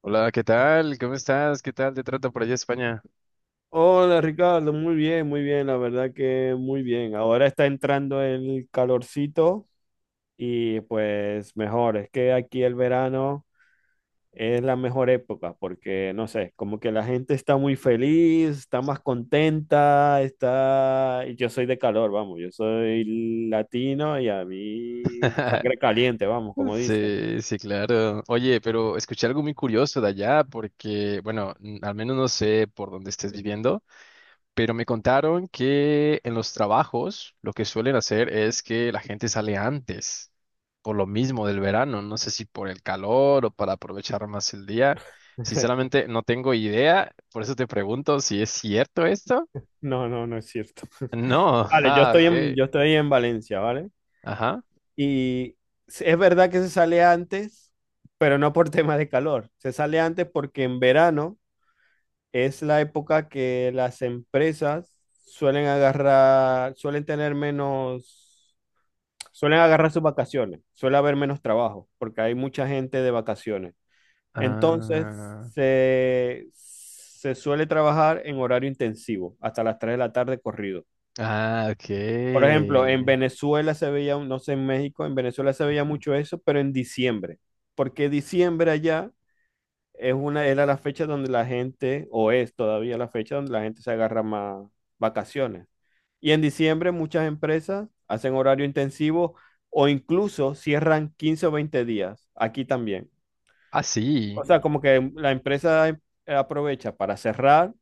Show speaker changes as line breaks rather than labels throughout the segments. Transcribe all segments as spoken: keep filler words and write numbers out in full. Hola, ¿qué tal? ¿Cómo estás? ¿Qué tal te trata por allá España?
Hola Ricardo, muy bien, muy bien, la verdad que muy bien. Ahora está entrando el calorcito y pues mejor, es que aquí el verano es la mejor época porque no sé, como que la gente está muy feliz, está más contenta, está... y yo soy de calor, vamos, yo soy latino y a mí sangre caliente, vamos, como dicen.
Sí, sí, claro. Oye, pero escuché algo muy curioso de allá porque, bueno, n- al menos no sé por dónde estés viviendo, pero me contaron que en los trabajos lo que suelen hacer es que la gente sale antes, por lo mismo del verano, no sé si por el calor o para aprovechar más el día. Sinceramente, no tengo idea, por eso te pregunto si es cierto esto.
No, no, no es cierto.
No,
Vale, yo
ah,
estoy en,
ok.
yo estoy en Valencia, ¿vale?
Ajá.
Y es verdad que se sale antes, pero no por tema de calor. Se sale antes porque en verano es la época que las empresas suelen agarrar, suelen tener menos, suelen agarrar sus vacaciones, suele haber menos trabajo porque hay mucha gente de vacaciones. Entonces,
Ah,
se, se suele trabajar en horario intensivo, hasta las tres de la tarde corrido.
ah, ok.
Por ejemplo, en Venezuela se veía, un- no sé, en México, en Venezuela se veía mucho eso, pero en diciembre, porque diciembre allá es una, era la fecha donde la gente, o es todavía la fecha donde la gente se agarra más vacaciones. Y en diciembre muchas empresas hacen horario intensivo o incluso cierran quince o veinte días, aquí también.
Ah, sí.
O sea, como que la empresa eh, aprovecha para cerrar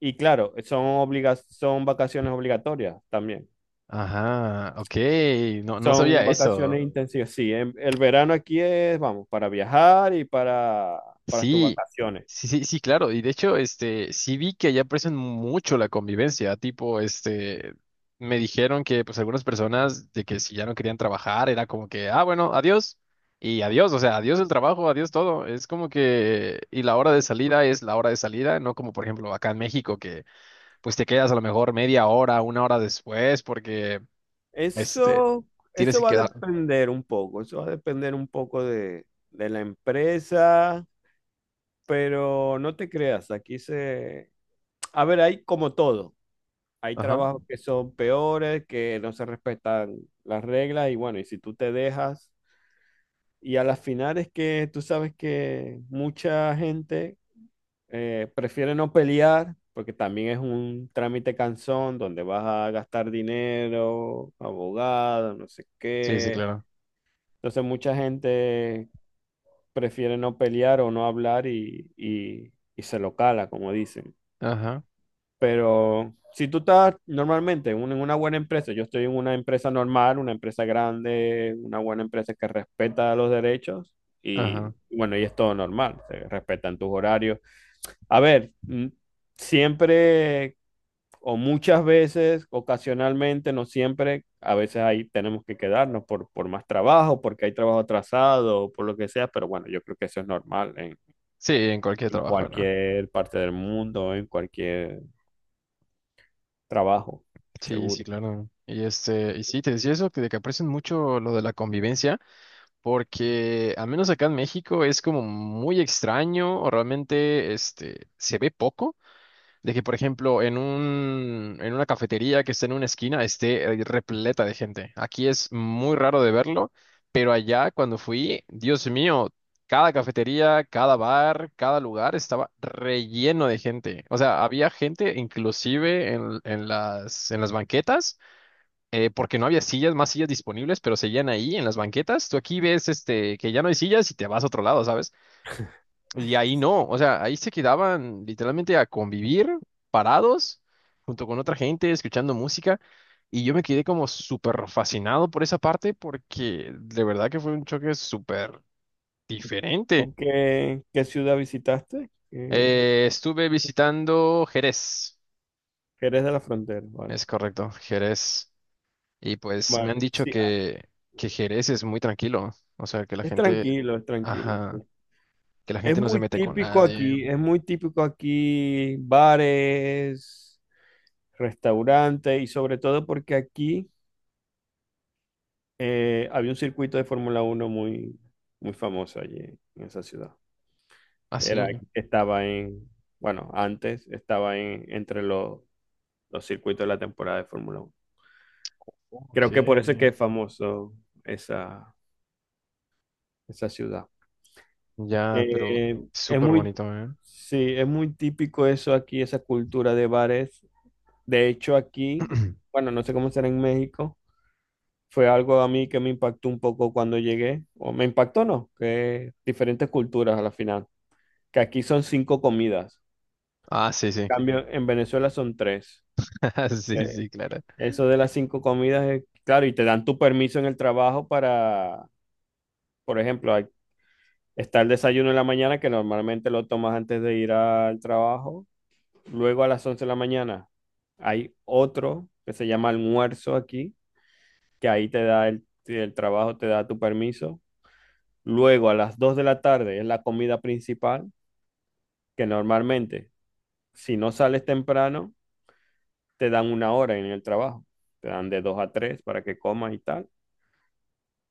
y claro, son obliga- son vacaciones obligatorias también.
Ajá, ok. No, no
Son
sabía eso.
vacaciones intensivas. Sí, en- el verano aquí es, vamos, para viajar y para, para tus
Sí,
vacaciones.
sí, sí, sí, claro. Y de hecho, este, sí vi que allá aprecian mucho la convivencia. Tipo, este, me dijeron que, pues, algunas personas de que si ya no querían trabajar, era como que, ah, bueno, adiós. Y adiós, o sea, adiós el trabajo, adiós todo. Es como que, y la hora de salida es la hora de salida, no como por ejemplo acá en México, que pues te quedas a lo mejor media hora, una hora después, porque este,
Eso,
tienes
eso
que
va a
quedar.
depender un poco, eso va a depender un poco de, de la empresa, pero no te creas, aquí se... A ver, hay como todo, hay
Ajá,
trabajos que son peores, que no se respetan las reglas y bueno, y si tú te dejas, y a las finales que tú sabes que mucha gente eh, prefiere no pelear porque también es un trámite cansón donde vas a gastar dinero, abogado, no sé
sí, sí,
qué.
claro.
Entonces mucha gente prefiere no pelear o no hablar y, y- y se lo cala, como dicen.
Ajá,
Pero si tú estás normalmente en un- en una buena empresa, yo estoy en una empresa normal, una empresa grande, una buena empresa que respeta los derechos
ajá.
y bueno, y es todo normal, se respetan tus horarios. A ver, mm, siempre o muchas veces, ocasionalmente, no siempre, a veces ahí tenemos que quedarnos por, por más trabajo, porque hay trabajo atrasado, o por lo que sea, pero bueno, yo creo que eso es normal en,
Sí, en cualquier
en
trabajo, ¿no?
cualquier parte del mundo, en cualquier trabajo,
Sí, sí,
seguro.
claro. Y este, y sí, te decía eso, que de que aprecian mucho lo de la convivencia, porque al menos acá en México es como muy extraño, o realmente este se ve poco. De que, por ejemplo, en un, en una cafetería que esté en una esquina, esté eh, repleta de gente. Aquí es muy raro de verlo, pero allá cuando fui, Dios mío, cada cafetería, cada bar, cada lugar estaba relleno de gente. O sea, había gente inclusive en, en las, en las banquetas, eh, porque no había sillas, más sillas disponibles, pero seguían ahí en las banquetas. Tú aquí ves este, que ya no hay sillas y te vas a otro lado, ¿sabes? Y ahí no, o sea, ahí se quedaban literalmente a convivir parados junto con otra gente, escuchando música. Y yo me quedé como súper fascinado por esa parte porque de verdad que fue un choque súper diferente.
¿Tú qué, qué ciudad visitaste? ¿Qué,
Eh, estuve visitando Jerez,
qué eres de la frontera? Vale.
es correcto, Jerez. Y pues me han
Vale.
dicho
Sí, ah,
que, que Jerez es muy tranquilo, o sea, que la
es
gente,
tranquilo, es tranquilo. Sí.
ajá, que la
Es
gente no se
muy
mete con
típico que
nadie.
aquí, es muy típico aquí bares, restaurantes y sobre todo porque aquí eh, había un circuito de Fórmula Uno muy, muy famoso allí en esa ciudad. Era,
Así.
estaba en, bueno, antes estaba en, entre los, los circuitos de la temporada de Fórmula Uno.
Ok.
Creo que por eso es que es famoso esa, esa ciudad.
Ya, pero
Eh, es
súper
muy,
bonito, ¿eh?
sí, es muy típico eso aquí, esa cultura de bares. De hecho, aquí, bueno, no sé cómo será en México, fue algo a mí que me impactó un poco cuando llegué, o me impactó no, que diferentes culturas a la final, que aquí son cinco comidas,
Ah, sí,
en
sí.
cambio en Venezuela son tres.
Sí,
Eh,
sí, claro.
Eso de las cinco comidas es claro, y te dan tu permiso en el trabajo para, por ejemplo, hay- está el desayuno en la mañana que normalmente lo tomas antes de ir al trabajo, luego a las once de la mañana hay otro que se llama almuerzo aquí que ahí te da el, el trabajo, te da tu permiso. Luego a las dos de la tarde es la comida principal, que normalmente si no sales temprano, te dan una hora en el trabajo. Te dan de dos a tres para que comas y tal.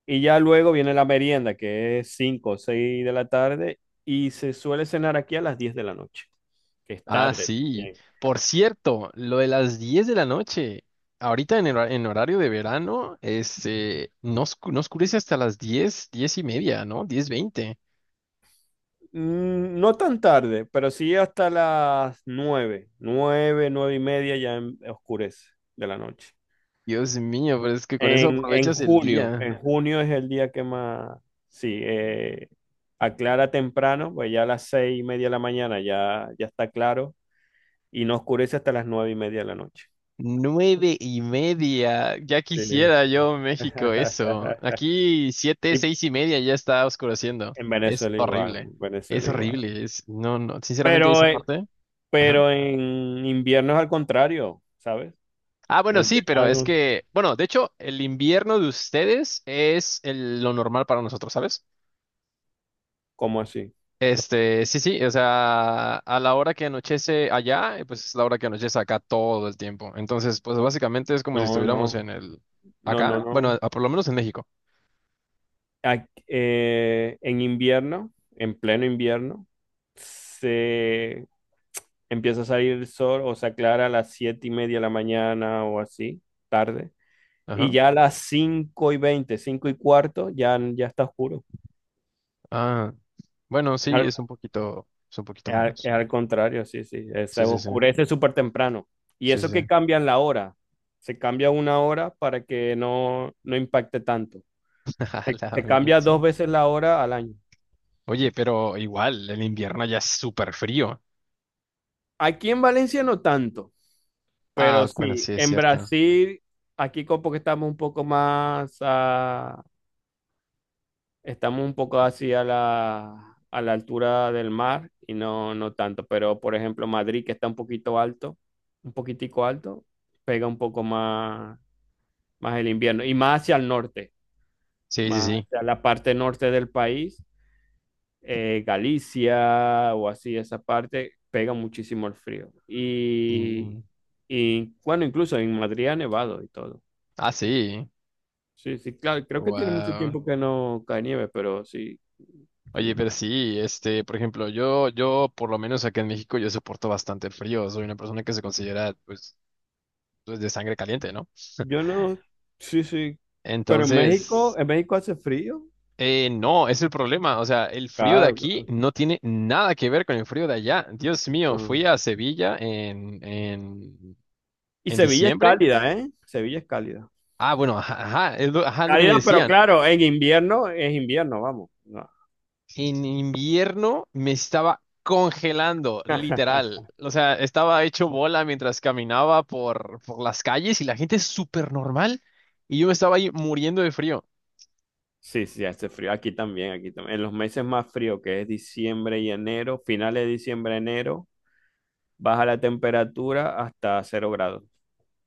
Y ya luego viene la merienda, que es cinco o seis de la tarde, y se suele cenar aquí a las diez de la noche, que es
Ah,
tarde
sí.
también.
Por cierto, lo de las diez de la noche. Ahorita en, el hora- en horario de verano, este, no, oscu- no oscurece hasta las diez, diez y media, ¿no? Diez veinte.
Mm, No tan tarde, pero sí hasta las nueve nueve nueve y media ya em- oscurece de la noche.
Dios mío, pero es que con eso
En, en
aprovechas el
junio,
día.
en junio es el día que más, sí, eh, aclara temprano, pues ya a las seis y media de la mañana ya, ya está claro y no oscurece hasta las nueve y media de la noche.
Nueve y media. Ya
Sí.
quisiera yo México eso. Aquí siete,
Y
seis y media ya está oscureciendo.
en
Es
Venezuela igual,
horrible.
en
Es
Venezuela igual.
horrible. Es, no, no. Sinceramente,
Pero,
esa
eh,
parte. Ajá.
pero en invierno es al contrario, ¿sabes?
Ah,
En
bueno, sí,
invierno es
pero es
algo.
que, bueno, de hecho, el invierno de ustedes es el- lo normal para nosotros, ¿sabes?
¿Cómo así?
Este, sí, sí, o sea, a la hora que anochece allá, eh, pues es la hora que anochece acá todo el tiempo. Entonces, pues básicamente es como si
No,
estuviéramos
no,
en el,
no, no,
acá, bueno,
no.
a- por lo menos en México.
a- eh, en invierno, en pleno invierno, se empieza a salir el sol o se aclara a las siete y media de la mañana o así, tarde. Y
Ajá.
ya a las cinco y veinte, cinco y cuarto, ya, ya está oscuro.
Ah, bueno,
Es
sí,
al,
es un poquito, es un poquito
es al-
menos.
es al contrario, sí, sí. eh, Se
Sí, sí, sí.
oscurece súper temprano. Y
Sí, sí,
eso
sí.
que cambian la hora. Se cambia una hora para que no, no impacte tanto. Se,
A la
se cambia
mecha.
dos veces la hora al año.
Oye, pero igual, el invierno ya es súper frío.
Aquí en Valencia no tanto. Pero
Ah, bueno,
sí,
sí, es
en
cierto.
Brasil, aquí como que estamos un poco más, ah, estamos un poco así a la, a la altura del mar y no, no tanto. Pero por ejemplo, Madrid, que está un poquito alto, un poquitico alto, pega un poco más, más el invierno y más hacia el norte,
Sí, sí,
más
sí.
hacia la parte norte del país, eh, Galicia o así, esa parte, pega muchísimo el frío. Y,
Sí.
y bueno, incluso en Madrid ha nevado y todo.
Ah, sí.
Sí, sí, claro, creo que tiene mucho
Wow.
tiempo que no cae nieve, pero sí.
Oye,
mm,
pero sí, este, por ejemplo, yo, yo, por lo menos acá en México, yo soporto bastante el frío. Soy una persona que se considera, pues, pues, de sangre caliente, ¿no?
Yo no, sí, sí. Pero en México,
Entonces,
en México hace frío.
Eh, no, es el problema. O sea, el frío de
Claro,
aquí
claro.
no tiene nada que ver con el frío de allá. Dios mío,
Ah.
fui a Sevilla en, en,
Y
en
Sevilla es
diciembre.
cálida, ¿eh? Sevilla es cálida.
Ah, bueno, ajá, ajá, es lo, ajá, es lo que me
Cálida, pero
decían.
claro, en invierno es invierno, vamos. No.
En invierno me estaba congelando, literal. O sea, estaba hecho bola mientras caminaba por, por las calles y la gente es súper normal. Y yo me estaba ahí muriendo de frío.
Sí, sí, hace frío. Aquí también, aquí también. En los meses más fríos, que es diciembre y enero, finales de diciembre, enero, baja la temperatura hasta cero grados.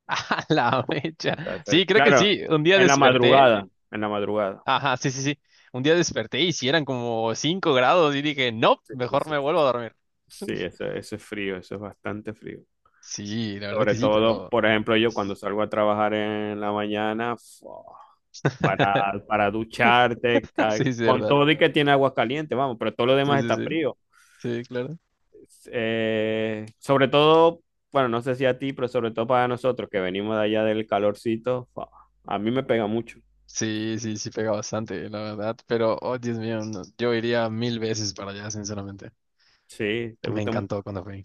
A la mecha.
Hasta cero-
Sí, creo que
Claro,
sí. Un día
en la
desperté.
madrugada, en la madrugada.
Ajá, sí, sí, sí. Un día desperté y si eran como cinco grados y dije, no,
Sí, sí,
mejor
sí.
me vuelvo a dormir.
Sí, eso, eso es frío, eso es bastante frío.
Sí, la verdad
Sobre
que sí,
todo,
pero
por ejemplo, yo cuando salgo a trabajar en la mañana, fu- para, para ducharte,
sí,
ca-
es
con
verdad.
todo y que tiene agua caliente, vamos, pero todo lo
Sí,
demás
sí,
está
sí,
frío.
sí, claro.
Eh, sobre todo, bueno, no sé si a ti, pero sobre todo para nosotros que venimos de allá del calorcito, fu- a mí me pega mucho.
Sí, sí, sí, pega bastante, la verdad. Pero, oh, Dios mío, no, yo iría mil veces para allá, sinceramente.
Sí, te
Me
gusta mucho.
encantó cuando fui.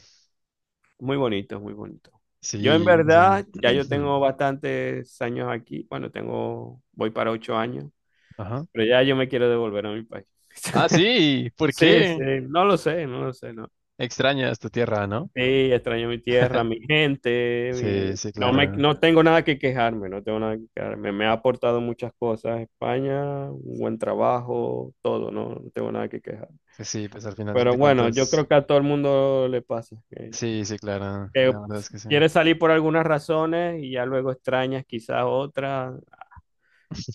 Muy bonito, muy bonito. Yo en
Sí, o sea.
verdad, ya yo tengo bastantes años aquí. Bueno, tengo, voy para ocho años,
Ajá.
pero ya yo me quiero devolver a mi país.
Ah, sí, ¿por
Sí, sí,
qué?
no lo sé, no lo sé, no.
Extrañas tu tierra, ¿no?
Sí, extraño mi tierra, mi gente,
Sí,
mi...
sí,
No me,
claro.
no tengo nada que quejarme, no tengo nada que quejarme. Me ha aportado muchas cosas España, un buen trabajo, todo, no, no tengo nada que quejar.
Sí, sí, pues al final
Pero
de
bueno, yo
cuentas.
creo que a todo el mundo le pasa, que
Sí, sí, claro.
que
La verdad es que sí.
quieres salir por algunas razones y ya luego extrañas quizás otras.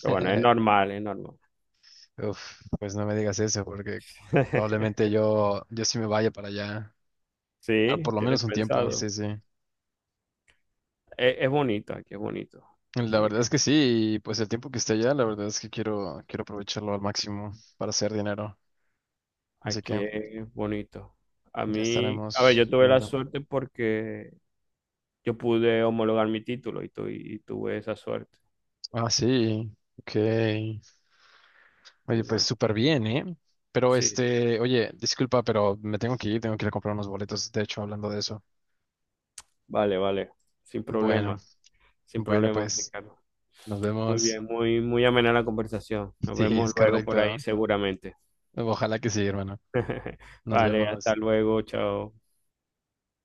Pero bueno, es normal, es normal.
Uf, pues no me digas eso, porque probablemente yo, yo sí me vaya para allá, al-
Sí,
por lo menos
tienes
un tiempo, sí,
pensado.
sí.
Es, es bonito, aquí es bonito.
La
Aquí,
verdad es que sí, y pues el tiempo que esté allá, la verdad es que quiero, quiero aprovecharlo al máximo para hacer dinero. Así
aquí
que
es bonito. A
ya
mí, a ver,
estaremos
yo tuve la
viendo.
suerte porque yo pude homologar mi título y, tu- y tuve esa suerte.
Ah, sí, ok.
Y
Oye, pues
bueno,
súper bien, ¿eh? Pero
sí,
este, oye, disculpa, pero me tengo que ir, tengo que ir a comprar unos boletos, de hecho, hablando de eso.
vale, vale, sin
Bueno,
problema, sin
bueno,
problema,
pues
Ricardo.
nos
Muy
vemos.
bien, muy, muy amena la conversación. Nos
Sí,
vemos
es
luego por ahí
correcto.
seguramente.
Ojalá que sí, hermano. Nos
Vale, hasta
vemos.
luego, chao.